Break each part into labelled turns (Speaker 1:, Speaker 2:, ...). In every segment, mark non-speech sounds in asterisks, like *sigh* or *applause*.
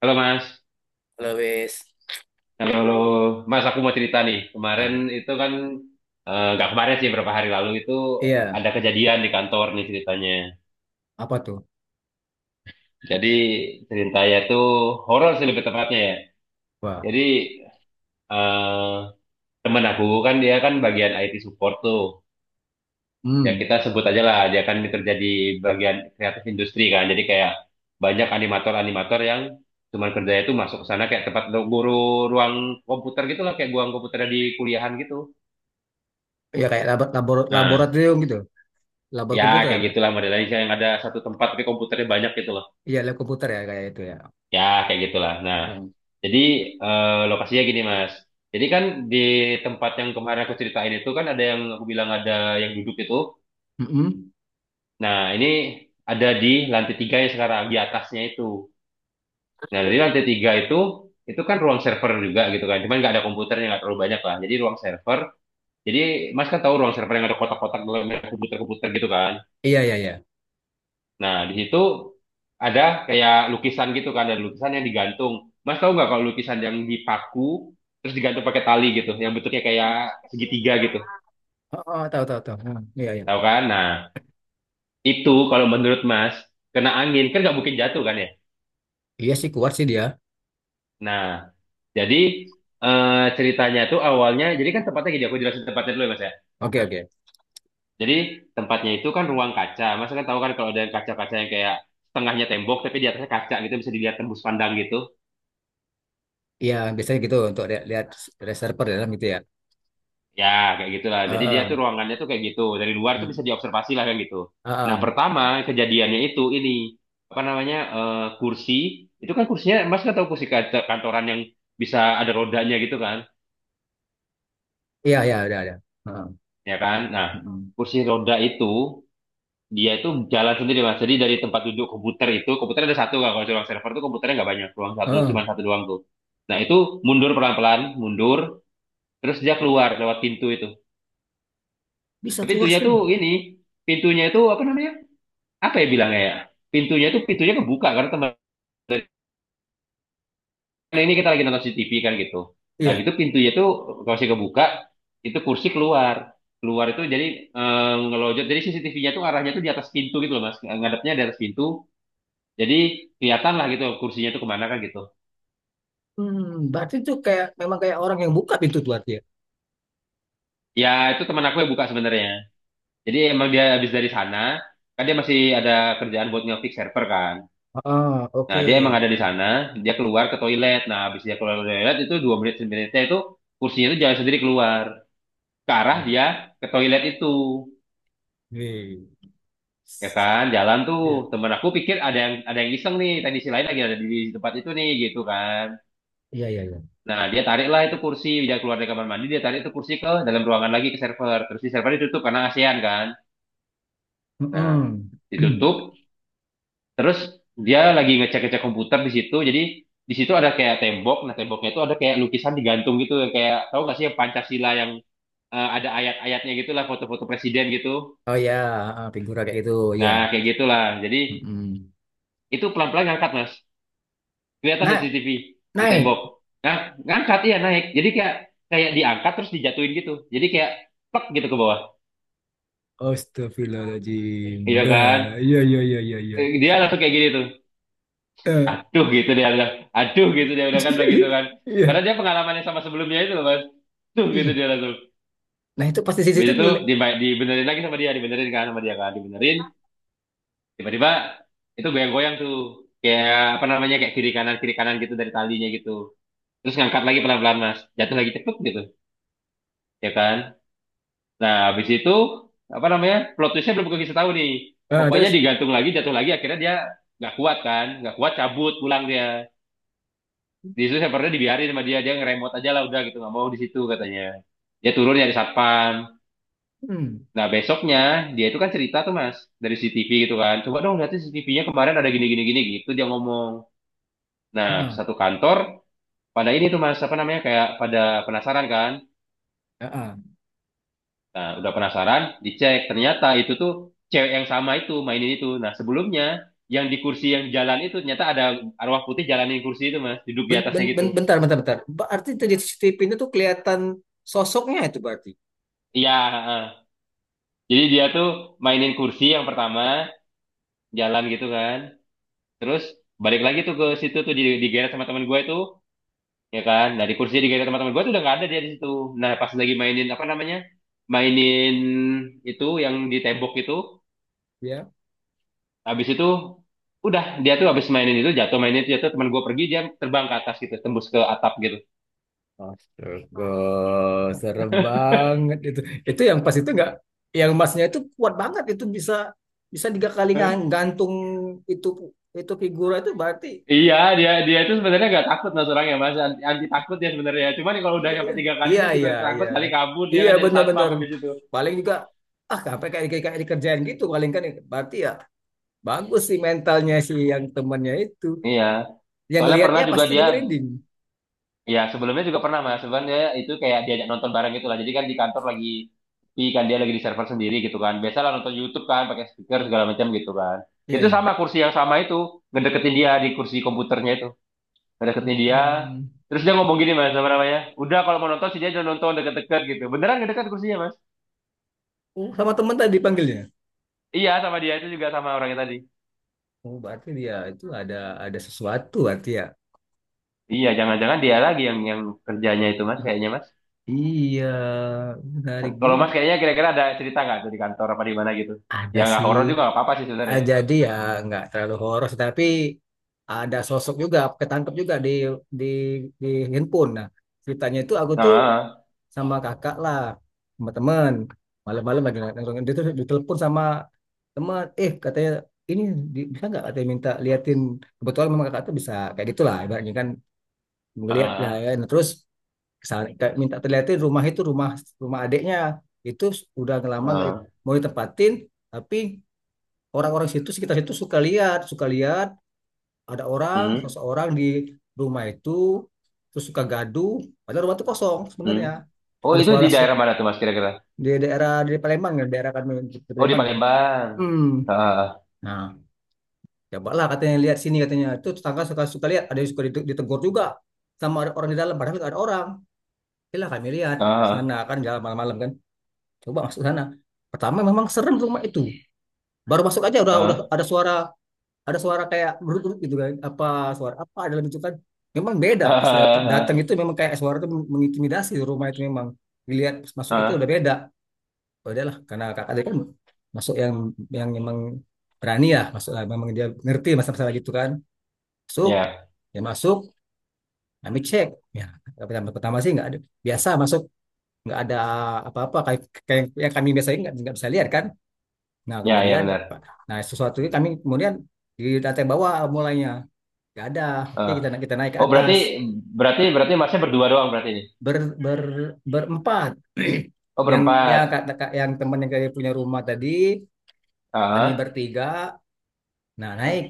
Speaker 1: Halo Mas,
Speaker 2: Lewis.
Speaker 1: halo, halo. Mas, aku mau cerita nih. Kemarin
Speaker 2: Nah,
Speaker 1: itu kan, eh, nggak kemarin sih, beberapa hari lalu itu
Speaker 2: iya,
Speaker 1: ada kejadian di kantor nih ceritanya.
Speaker 2: apa tuh?
Speaker 1: Jadi ceritanya itu horor sih lebih tepatnya ya.
Speaker 2: Wah,
Speaker 1: Jadi, eh temen aku kan dia kan bagian IT support tuh. Ya
Speaker 2: hmm,
Speaker 1: kita sebut aja lah, dia kan kerja di bagian kreatif industri kan. Jadi kayak banyak animator-animator yang cuman kerjanya itu masuk ke sana kayak tempat guru ruang komputer gitu lah, kayak ruang komputer di kuliahan gitu.
Speaker 2: ya kayak labor
Speaker 1: Nah,
Speaker 2: laboratorium gitu, labor
Speaker 1: ya,
Speaker 2: komputer.
Speaker 1: kayak gitulah modelnya kayak yang ada satu tempat tapi komputernya banyak gitu loh.
Speaker 2: Iya, lab komputer ya kayak itu ya.
Speaker 1: Ya, kayak gitulah. Nah,
Speaker 2: Oh.
Speaker 1: jadi, lokasinya gini, Mas. Jadi kan di tempat yang kemarin aku ceritain itu kan ada yang aku bilang ada yang duduk itu.
Speaker 2: Hmm. Mm-mm.
Speaker 1: Nah, ini ada di lantai tiga yang sekarang di atasnya itu. Nah, dari lantai tiga itu kan ruang server juga gitu kan. Cuman nggak ada komputernya nggak terlalu banyak lah. Jadi ruang server. Jadi Mas kan tahu ruang server yang ada kotak-kotak dalam komputer-komputer gitu kan.
Speaker 2: Iya, iya, iya.
Speaker 1: Nah, di situ ada kayak lukisan gitu kan, ada lukisan yang digantung. Mas tahu nggak kalau lukisan yang dipaku terus digantung pakai tali gitu, yang bentuknya kayak segitiga gitu,
Speaker 2: Oh, oh, tahu, tahu, tahu. Hmm, iya, iya.
Speaker 1: tahu kan? Nah, itu kalau menurut Mas kena angin kan nggak mungkin jatuh kan ya?
Speaker 2: Iya sih kuat sih dia.
Speaker 1: Nah, jadi, ceritanya tuh awalnya, jadi kan tempatnya gini, aku jelasin tempatnya dulu ya Mas ya.
Speaker 2: Oke, oke.
Speaker 1: Jadi tempatnya itu kan ruang kaca, Mas kan tahu kan kalau ada yang kaca-kaca yang kayak setengahnya tembok tapi di atasnya kaca gitu bisa dilihat tembus pandang gitu.
Speaker 2: Iya, biasanya gitu untuk lihat ada server dalam gitu ya.
Speaker 1: Ya, kayak gitulah. Jadi dia
Speaker 2: Heeh.
Speaker 1: tuh ruangannya tuh kayak gitu. Dari luar tuh
Speaker 2: Hmm.
Speaker 1: bisa diobservasi lah kayak gitu. Nah,
Speaker 2: Heeh.
Speaker 1: pertama kejadiannya itu ini apa namanya, kursi itu kan kursinya Mas kan tahu kursi kantoran yang bisa ada rodanya gitu kan,
Speaker 2: Iya, iya, ada, ada. Heeh.
Speaker 1: ya kan? Nah,
Speaker 2: Mm.
Speaker 1: kursi roda itu dia itu jalan sendiri Mas. Jadi dari tempat duduk komputer itu komputer ada satu kan, kalau di ruang server tuh komputernya nggak banyak, ruang satu
Speaker 2: Heeh.
Speaker 1: cuma satu doang tuh. Nah, itu mundur pelan-pelan, mundur terus dia keluar lewat pintu itu.
Speaker 2: Bisa
Speaker 1: Tapi
Speaker 2: keluar
Speaker 1: pintunya
Speaker 2: sih.
Speaker 1: tuh ini pintunya itu apa namanya? Apa ya bilangnya ya, pintunya tuh pintunya kebuka karena teman, karena ini kita lagi nonton CCTV kan gitu, nah
Speaker 2: Iya.
Speaker 1: gitu pintunya tuh kalau kebuka itu kursi keluar keluar itu jadi, eh, ngelojot, jadi CCTV-nya tuh arahnya tuh di atas pintu gitu loh mas, ngadepnya di atas pintu, jadi kelihatan lah gitu kursinya tuh kemana kan gitu.
Speaker 2: Hmm, berarti itu kayak memang kayak orang yang buka pintu tuh artinya.
Speaker 1: Ya, itu teman aku yang buka sebenarnya, jadi emang dia habis dari sana, kan dia masih ada kerjaan buat ngefix server kan.
Speaker 2: Ah,
Speaker 1: Nah,
Speaker 2: oke.
Speaker 1: dia emang ada di sana, dia keluar ke toilet. Nah, habis dia keluar ke toilet itu dua menit sebenarnya itu kursinya itu jalan sendiri keluar ke arah
Speaker 2: Oh,
Speaker 1: dia ke toilet itu.
Speaker 2: iya.
Speaker 1: Ya kan, jalan tuh.
Speaker 2: Iya.
Speaker 1: Temen aku pikir ada yang iseng nih, teknisi lain lagi ada di tempat itu nih gitu kan.
Speaker 2: Iya, iya, iya.
Speaker 1: Nah, dia tariklah itu kursi, dia keluar dari kamar mandi, dia tarik itu kursi ke dalam ruangan lagi ke server. Terus di server ditutup karena ASEAN kan. Nah,
Speaker 2: Mm-mm. *clears throat*
Speaker 1: ditutup. Terus dia lagi ngecek-ngecek komputer di situ. Jadi di situ ada kayak tembok. Nah, temboknya itu ada kayak lukisan digantung gitu yang kayak, tahu nggak sih yang Pancasila yang, ada ayat-ayatnya gitulah, foto-foto presiden gitu.
Speaker 2: Oh ya, ah, figura kayak gitu, ya.
Speaker 1: Nah, kayak gitulah. Jadi
Speaker 2: Mm-mm.
Speaker 1: itu pelan-pelan ngangkat, Mas. Kelihatan dari
Speaker 2: Nah,
Speaker 1: CCTV di tembok.
Speaker 2: naik.
Speaker 1: Nah, ngangkat iya naik. Jadi kayak kayak diangkat terus dijatuhin gitu. Jadi kayak plek gitu ke bawah.
Speaker 2: Astagfirullahaladzim.
Speaker 1: Iya kan?
Speaker 2: Wah, iya, iya, iya, iya, iya.
Speaker 1: Dia langsung kayak gini tuh.
Speaker 2: Eh,
Speaker 1: Aduh gitu dia bilang, aduh gitu dia bilang kan begitu kan,
Speaker 2: *laughs* iya,
Speaker 1: karena dia pengalamannya sama sebelumnya itu loh, mas, tuh gitu
Speaker 2: iya.
Speaker 1: dia langsung.
Speaker 2: Nah, itu pasti sisi
Speaker 1: Habis
Speaker 2: itu
Speaker 1: itu
Speaker 2: ngeliat.
Speaker 1: dibenerin lagi sama dia, dibenerin kan sama dia kan dibenerin, tiba-tiba itu goyang-goyang tuh kayak apa namanya, kayak kiri kanan gitu dari talinya gitu, terus ngangkat lagi pelan-pelan mas, jatuh lagi cepet gitu, ya kan. Nah habis itu apa namanya, plot twistnya belum kita tahu nih,
Speaker 2: Ah,
Speaker 1: pokoknya
Speaker 2: terus,
Speaker 1: digantung lagi jatuh lagi, akhirnya dia nggak kuat kan, nggak kuat cabut pulang dia, di situ servernya dibiarin sama dia, dia ngeremot aja lah udah gitu nggak mau di situ katanya, dia turun nyari satpam.
Speaker 2: hmm,
Speaker 1: Nah besoknya, dia itu kan cerita tuh mas dari CCTV gitu kan, coba dong lihat CCTV-nya kemarin ada gini gini gini gitu dia ngomong. Nah
Speaker 2: ah,
Speaker 1: satu kantor pada ini tuh mas apa namanya kayak pada penasaran kan.
Speaker 2: ah, ah.
Speaker 1: Nah udah penasaran dicek ternyata itu tuh cewek yang sama itu mainin itu, nah sebelumnya yang di kursi yang jalan itu ternyata ada arwah putih jalanin kursi itu mas, duduk di
Speaker 2: Ben, ben,
Speaker 1: atasnya gitu.
Speaker 2: ben- Bentar, bentar, bentar. Berarti itu di CCTV itu tuh kelihatan sosoknya itu berarti.
Speaker 1: Iya, heeh. Jadi dia tuh mainin kursi yang pertama jalan gitu kan. Terus balik lagi tuh ke situ tuh digeret sama teman gue itu, ya kan. Nah di kursi digeret sama teman gue tuh udah nggak ada dia di situ. Nah pas lagi mainin apa namanya, mainin itu yang di tembok itu,
Speaker 2: Ya.
Speaker 1: habis itu udah, dia tuh habis mainin itu jatuh teman gue pergi, dia terbang ke atas gitu tembus ke atap gitu.
Speaker 2: Astaga, serem banget itu. Itu yang pas itu nggak, yang emasnya itu kuat banget itu bisa bisa tiga kali
Speaker 1: Eh,
Speaker 2: gantung itu itu figura itu berarti.
Speaker 1: Iya dia dia itu sebenarnya nggak takut mas orangnya, mas anti, anti takut dia sebenarnya. Cuman kalau udah
Speaker 2: Iya ya,
Speaker 1: sampai tiga kali
Speaker 2: iya
Speaker 1: dia juga
Speaker 2: iya iya,
Speaker 1: takut kali, kabur dia,
Speaker 2: iya
Speaker 1: kan jadi satpam
Speaker 2: benar-benar.
Speaker 1: di situ.
Speaker 2: Paling juga ah sampai kayak kayak kayak dikerjain gitu paling kan, berarti ya bagus sih mentalnya si yang temannya itu.
Speaker 1: Iya.
Speaker 2: Yang
Speaker 1: Soalnya pernah
Speaker 2: lihatnya
Speaker 1: juga
Speaker 2: pasti
Speaker 1: dia,
Speaker 2: dia berending.
Speaker 1: ya, sebelumnya juga pernah Mas. Sebenarnya itu kayak diajak nonton bareng gitu lah. Jadi kan di kantor lagi, di, kan dia lagi di server sendiri gitu kan. Biasalah nonton YouTube kan pakai speaker segala macam gitu kan.
Speaker 2: Iya
Speaker 1: Itu sama
Speaker 2: iya.
Speaker 1: kursi yang sama itu, ngedeketin dia di kursi komputernya itu. Ngedeketin dia.
Speaker 2: Hmm.
Speaker 1: Terus dia ngomong gini Mas, apa namanya? Udah kalau mau nonton si dia udah nonton deket-deket gitu. Beneran ngedekat kursinya Mas?
Speaker 2: Oh, sama teman tadi panggilnya.
Speaker 1: Iya, sama dia itu juga sama orangnya tadi.
Speaker 2: Oh, berarti dia itu ada sesuatu berarti ya.
Speaker 1: Iya, jangan-jangan dia lagi yang kerjanya itu Mas, kayaknya Mas.
Speaker 2: Iya, menarik
Speaker 1: Kalau Mas
Speaker 2: juga.
Speaker 1: kayaknya kira-kira ada cerita nggak tuh di kantor apa di mana gitu?
Speaker 2: Ada
Speaker 1: Ya nggak
Speaker 2: sih.
Speaker 1: horor juga nggak apa-apa sih
Speaker 2: Ah,
Speaker 1: sebenarnya.
Speaker 2: jadi ya nggak terlalu horor, tapi ada sosok juga, ketangkep juga di di di handphone. Nah, ceritanya itu aku tuh
Speaker 1: Nah.
Speaker 2: sama kakak lah, sama teman. Malam-malam lagi nongkrong, dia tuh ditelepon sama teman. Eh, katanya ini bisa nggak katanya, minta liatin, kebetulan memang kakak tuh bisa kayak gitulah ibaratnya kan, ngelihat lah ya.
Speaker 1: Ah,
Speaker 2: Nah, terus Kesana- minta terlihatin rumah itu, rumah rumah adiknya itu udah lama nggak
Speaker 1: ah,
Speaker 2: mau ditempatin, tapi orang-orang situ sekitar situ suka lihat ada orang
Speaker 1: hmm,
Speaker 2: seseorang di rumah itu, terus suka gaduh padahal rumah itu kosong
Speaker 1: hmm.
Speaker 2: sebenarnya.
Speaker 1: Oh,
Speaker 2: ada
Speaker 1: itu di
Speaker 2: suara se-
Speaker 1: daerah mana tuh Mas kira-kira?
Speaker 2: di daerah di Palembang ya, daerah kami di
Speaker 1: Oh, di
Speaker 2: Palembang.
Speaker 1: Palembang.
Speaker 2: Hmm,
Speaker 1: Ah,
Speaker 2: nah cobalah katanya lihat sini, katanya itu tetangga suka suka lihat ada yang suka ditegur juga, sama ada orang di dalam padahal nggak ada orang. Yalah kami lihat ke
Speaker 1: ah,
Speaker 2: sana kan, jalan malam-malam kan, coba masuk sana, pertama memang serem tuh rumah itu. Baru masuk aja udah
Speaker 1: ah,
Speaker 2: udah
Speaker 1: ah,
Speaker 2: ada suara, ada suara kayak berut-berut gitu kan, apa suara apa dalam itu kan. Memang beda pas datang datang
Speaker 1: ah,
Speaker 2: itu, memang kayak suara itu mengintimidasi, rumah itu memang dilihat pas masuk itu udah
Speaker 1: ah.
Speaker 2: beda. Ya udahlah, karena kakak tadi kan masuk, yang memang berani ya masuk lah, memang dia ngerti masalah-masalah gitu kan. Masuk,
Speaker 1: Ya,
Speaker 2: ya masuk, kami cek ya, pertama pertama sih nggak ada, biasa masuk, nggak ada apa-apa kayak, kayak yang kami biasanya nggak bisa lihat kan. Nah,
Speaker 1: ya, ya
Speaker 2: kemudian
Speaker 1: benar.
Speaker 2: nah sesuatu itu kami kemudian di lantai bawah mulainya. Gak ada. Oke,
Speaker 1: Ah.
Speaker 2: kita kita naik ke
Speaker 1: Oh, berarti
Speaker 2: atas.
Speaker 1: berarti berarti Masnya berdua doang berarti ini.
Speaker 2: Ber, ber, berempat.
Speaker 1: Oh,
Speaker 2: *clears throat* Yang, ya
Speaker 1: berempat.
Speaker 2: yang teman yang kayak punya rumah tadi, kami
Speaker 1: Ah,
Speaker 2: bertiga. Nah,
Speaker 1: ah.
Speaker 2: naik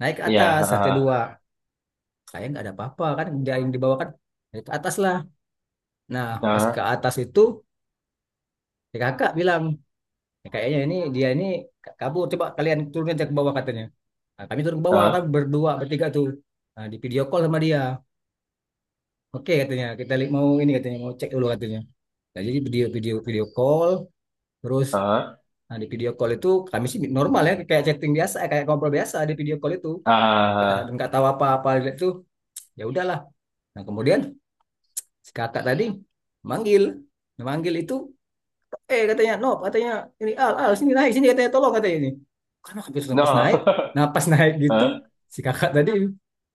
Speaker 2: naik ke
Speaker 1: Iya,
Speaker 2: atas lantai
Speaker 1: ah,
Speaker 2: dua. Kayak nggak ada apa-apa kan dia yang di kan. Naik ke atas lah. Nah, pas ke
Speaker 1: ah,
Speaker 2: atas itu ya kakak bilang, "Ya, kayaknya ini dia ini kabur. Coba kalian turunin, cek ke bawah," katanya. Nah, kami turun ke bawah kan,
Speaker 1: ah,
Speaker 2: bertiga tuh. Nah, di video call sama dia. Oke katanya, "Kita mau ini," katanya, mau cek dulu katanya. Nah, jadi video video video call terus.
Speaker 1: ah,
Speaker 2: Nah, di video call itu kami sih normal ya kayak chatting biasa, eh, kayak ngobrol biasa di video call itu. Nggak,
Speaker 1: ah.
Speaker 2: tahu apa-apa itu, ya udahlah. Nah kemudian si kakak tadi manggil, nah, manggil itu eh katanya, "No," katanya, "ini al al sini naik sini," katanya, "tolong," katanya, ini karena hampir sudah pas naik.
Speaker 1: No.
Speaker 2: Nah pas naik gitu
Speaker 1: *laughs* Ah,
Speaker 2: si kakak tadi,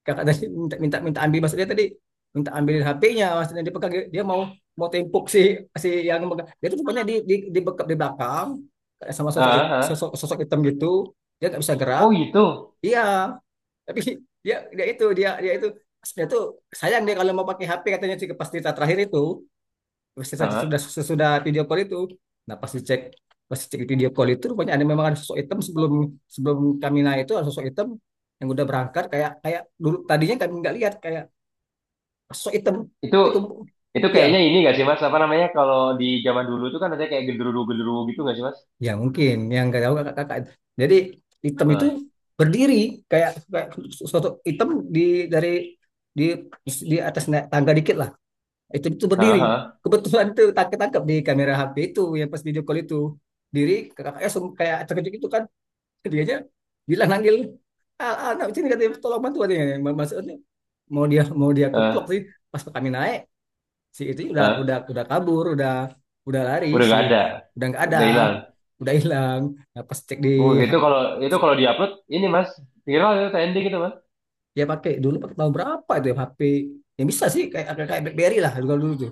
Speaker 2: kakak tadi minta, minta ambil, maksudnya tadi minta ambilin HP-nya, maksudnya dipegang, dia pegang dia mau, mau tempuk si, si yang megang. Dia tuh rupanya di, bekap di belakang kayak sama
Speaker 1: ah,
Speaker 2: sosok hit-
Speaker 1: ah.
Speaker 2: sosok sosok hitam gitu, dia nggak bisa gerak.
Speaker 1: Oh, gitu.
Speaker 2: Iya. Tapi dia dia itu dia dia itu dia tuh sayang dia kalau mau pakai HP katanya sih pas cerita terakhir itu, sesudah
Speaker 1: Ah,
Speaker 2: sesudah video call itu. Nah pas dicek, video call itu rupanya ada, memang ada sosok hitam sebelum, kami naik itu, ada sosok hitam yang udah berangkat kayak kayak dulu, tadinya kami nggak lihat kayak sosok hitam,
Speaker 1: itu
Speaker 2: tapi kemudian
Speaker 1: itu
Speaker 2: ya,
Speaker 1: kayaknya ini gak sih Mas? Apa namanya kalau di zaman dulu tuh kan ada kayak genderuwo-genderuwo gitu gak sih Mas?
Speaker 2: ya mungkin yang nggak tahu, kakak kakak jadi hitam itu
Speaker 1: Heeh,
Speaker 2: berdiri kayak kayak sosok hitam di, dari di di atas naik tangga dikit lah, itu berdiri,
Speaker 1: heeh,
Speaker 2: kebetulan itu tangkap tangkap di kamera HP itu yang pas video call itu, diri kakaknya langsung kayak terkejut itu kan, ketiganya bilang nanggil, "Ah, ah, anak kecil," katanya, "tolong bantu," katanya, maksudnya mau dia, mau dia keplok
Speaker 1: heeh,
Speaker 2: sih. Pas kami naik, si itu udah,
Speaker 1: heeh.
Speaker 2: kabur udah lari
Speaker 1: Udah gak
Speaker 2: sih.
Speaker 1: ada,
Speaker 2: Udah nggak ada,
Speaker 1: udah hilang.
Speaker 2: udah hilang. Nah, pas cek di,
Speaker 1: Oh, itu kalau diupload ini mas, viral itu, trending itu mas.
Speaker 2: dia pakai dulu pakai tahun berapa itu ya HP yang bisa sih kayak kayak BlackBerry lah, dulu dulu tuh.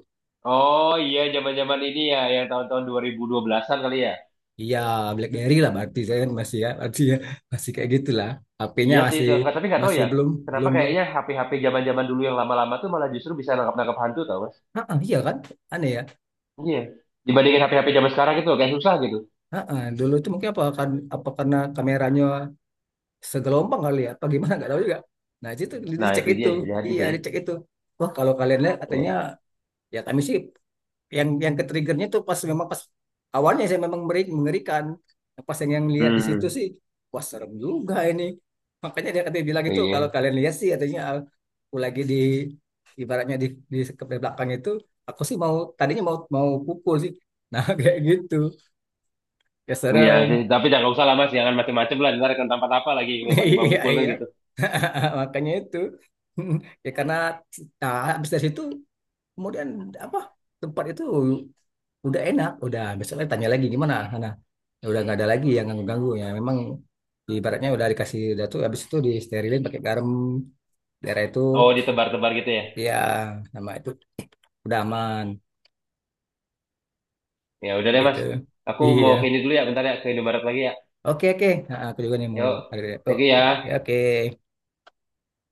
Speaker 1: Oh iya zaman-zaman ini ya yang tahun-tahun 2012-an kali ya.
Speaker 2: Iya, BlackBerry lah, berarti saya kan masih ya, berarti ya masih kayak gitulah, HP-nya
Speaker 1: Iya sih
Speaker 2: masih,
Speaker 1: itu enggak tapi nggak tahu
Speaker 2: masih
Speaker 1: ya.
Speaker 2: belum
Speaker 1: Kenapa
Speaker 2: belum belum
Speaker 1: kayaknya HP-HP zaman-zaman dulu yang lama-lama tuh malah justru bisa nangkap-nangkap hantu tau mas.
Speaker 2: ah ah, iya kan, aneh ya.
Speaker 1: Iya. Dibandingin HP-HP zaman sekarang gitu kayak susah gitu.
Speaker 2: Heeh, dulu itu mungkin apa kan, apa karena kameranya segelombang kali ya, apa gimana nggak tahu juga. Nah itu
Speaker 1: Nah
Speaker 2: dicek
Speaker 1: itu
Speaker 2: itu,
Speaker 1: dia bisa jadi
Speaker 2: iya
Speaker 1: sih.
Speaker 2: dicek itu. Wah kalau kalian lihat katanya,
Speaker 1: Iya.
Speaker 2: ya kami sih yang ke triggernya tuh pas, memang pas awalnya, saya memang mengerikan. Nah, pas yang lihat di situ
Speaker 1: Hmm.
Speaker 2: sih, wah serem juga ini. Makanya dia katanya bilang gitu kalau
Speaker 1: Iya.
Speaker 2: kalian lihat sih katanya, aku lagi di ibaratnya di belakang itu, aku sih mau tadinya mau, mau pukul sih. Nah *laughs* kayak gitu, ya
Speaker 1: Iya sih,
Speaker 2: serem.
Speaker 1: tapi jangan usah lah mas, jangan macem-macem lah, ntar akan tampak apa lagi
Speaker 2: *laughs*
Speaker 1: nyoba-nyoba
Speaker 2: Iya,
Speaker 1: mukul kan
Speaker 2: iya.
Speaker 1: gitu.
Speaker 2: *laughs* Makanya itu. *laughs* Ya karena nah, habis dari situ kemudian apa? Tempat itu udah enak, udah besok lagi tanya lagi gimana. Nah, ya udah nggak ada lagi yang ganggu-ganggu ya. Memang ibaratnya udah dikasih udah tuh, habis itu disterilin pakai garam daerah itu
Speaker 1: Oh, ditebar-tebar gitu ya.
Speaker 2: ya, nama itu udah aman,
Speaker 1: Ya udah
Speaker 2: kayak
Speaker 1: deh
Speaker 2: gitu.
Speaker 1: Mas. Aku
Speaker 2: Iya.
Speaker 1: mau ke ini dulu ya, bentar ya, ke Indomaret lagi ya.
Speaker 2: Oke, oke. Nah, aku juga nih mau
Speaker 1: Yuk.
Speaker 2: ada, oh,
Speaker 1: Thank you
Speaker 2: oke.
Speaker 1: ya.
Speaker 2: Oke.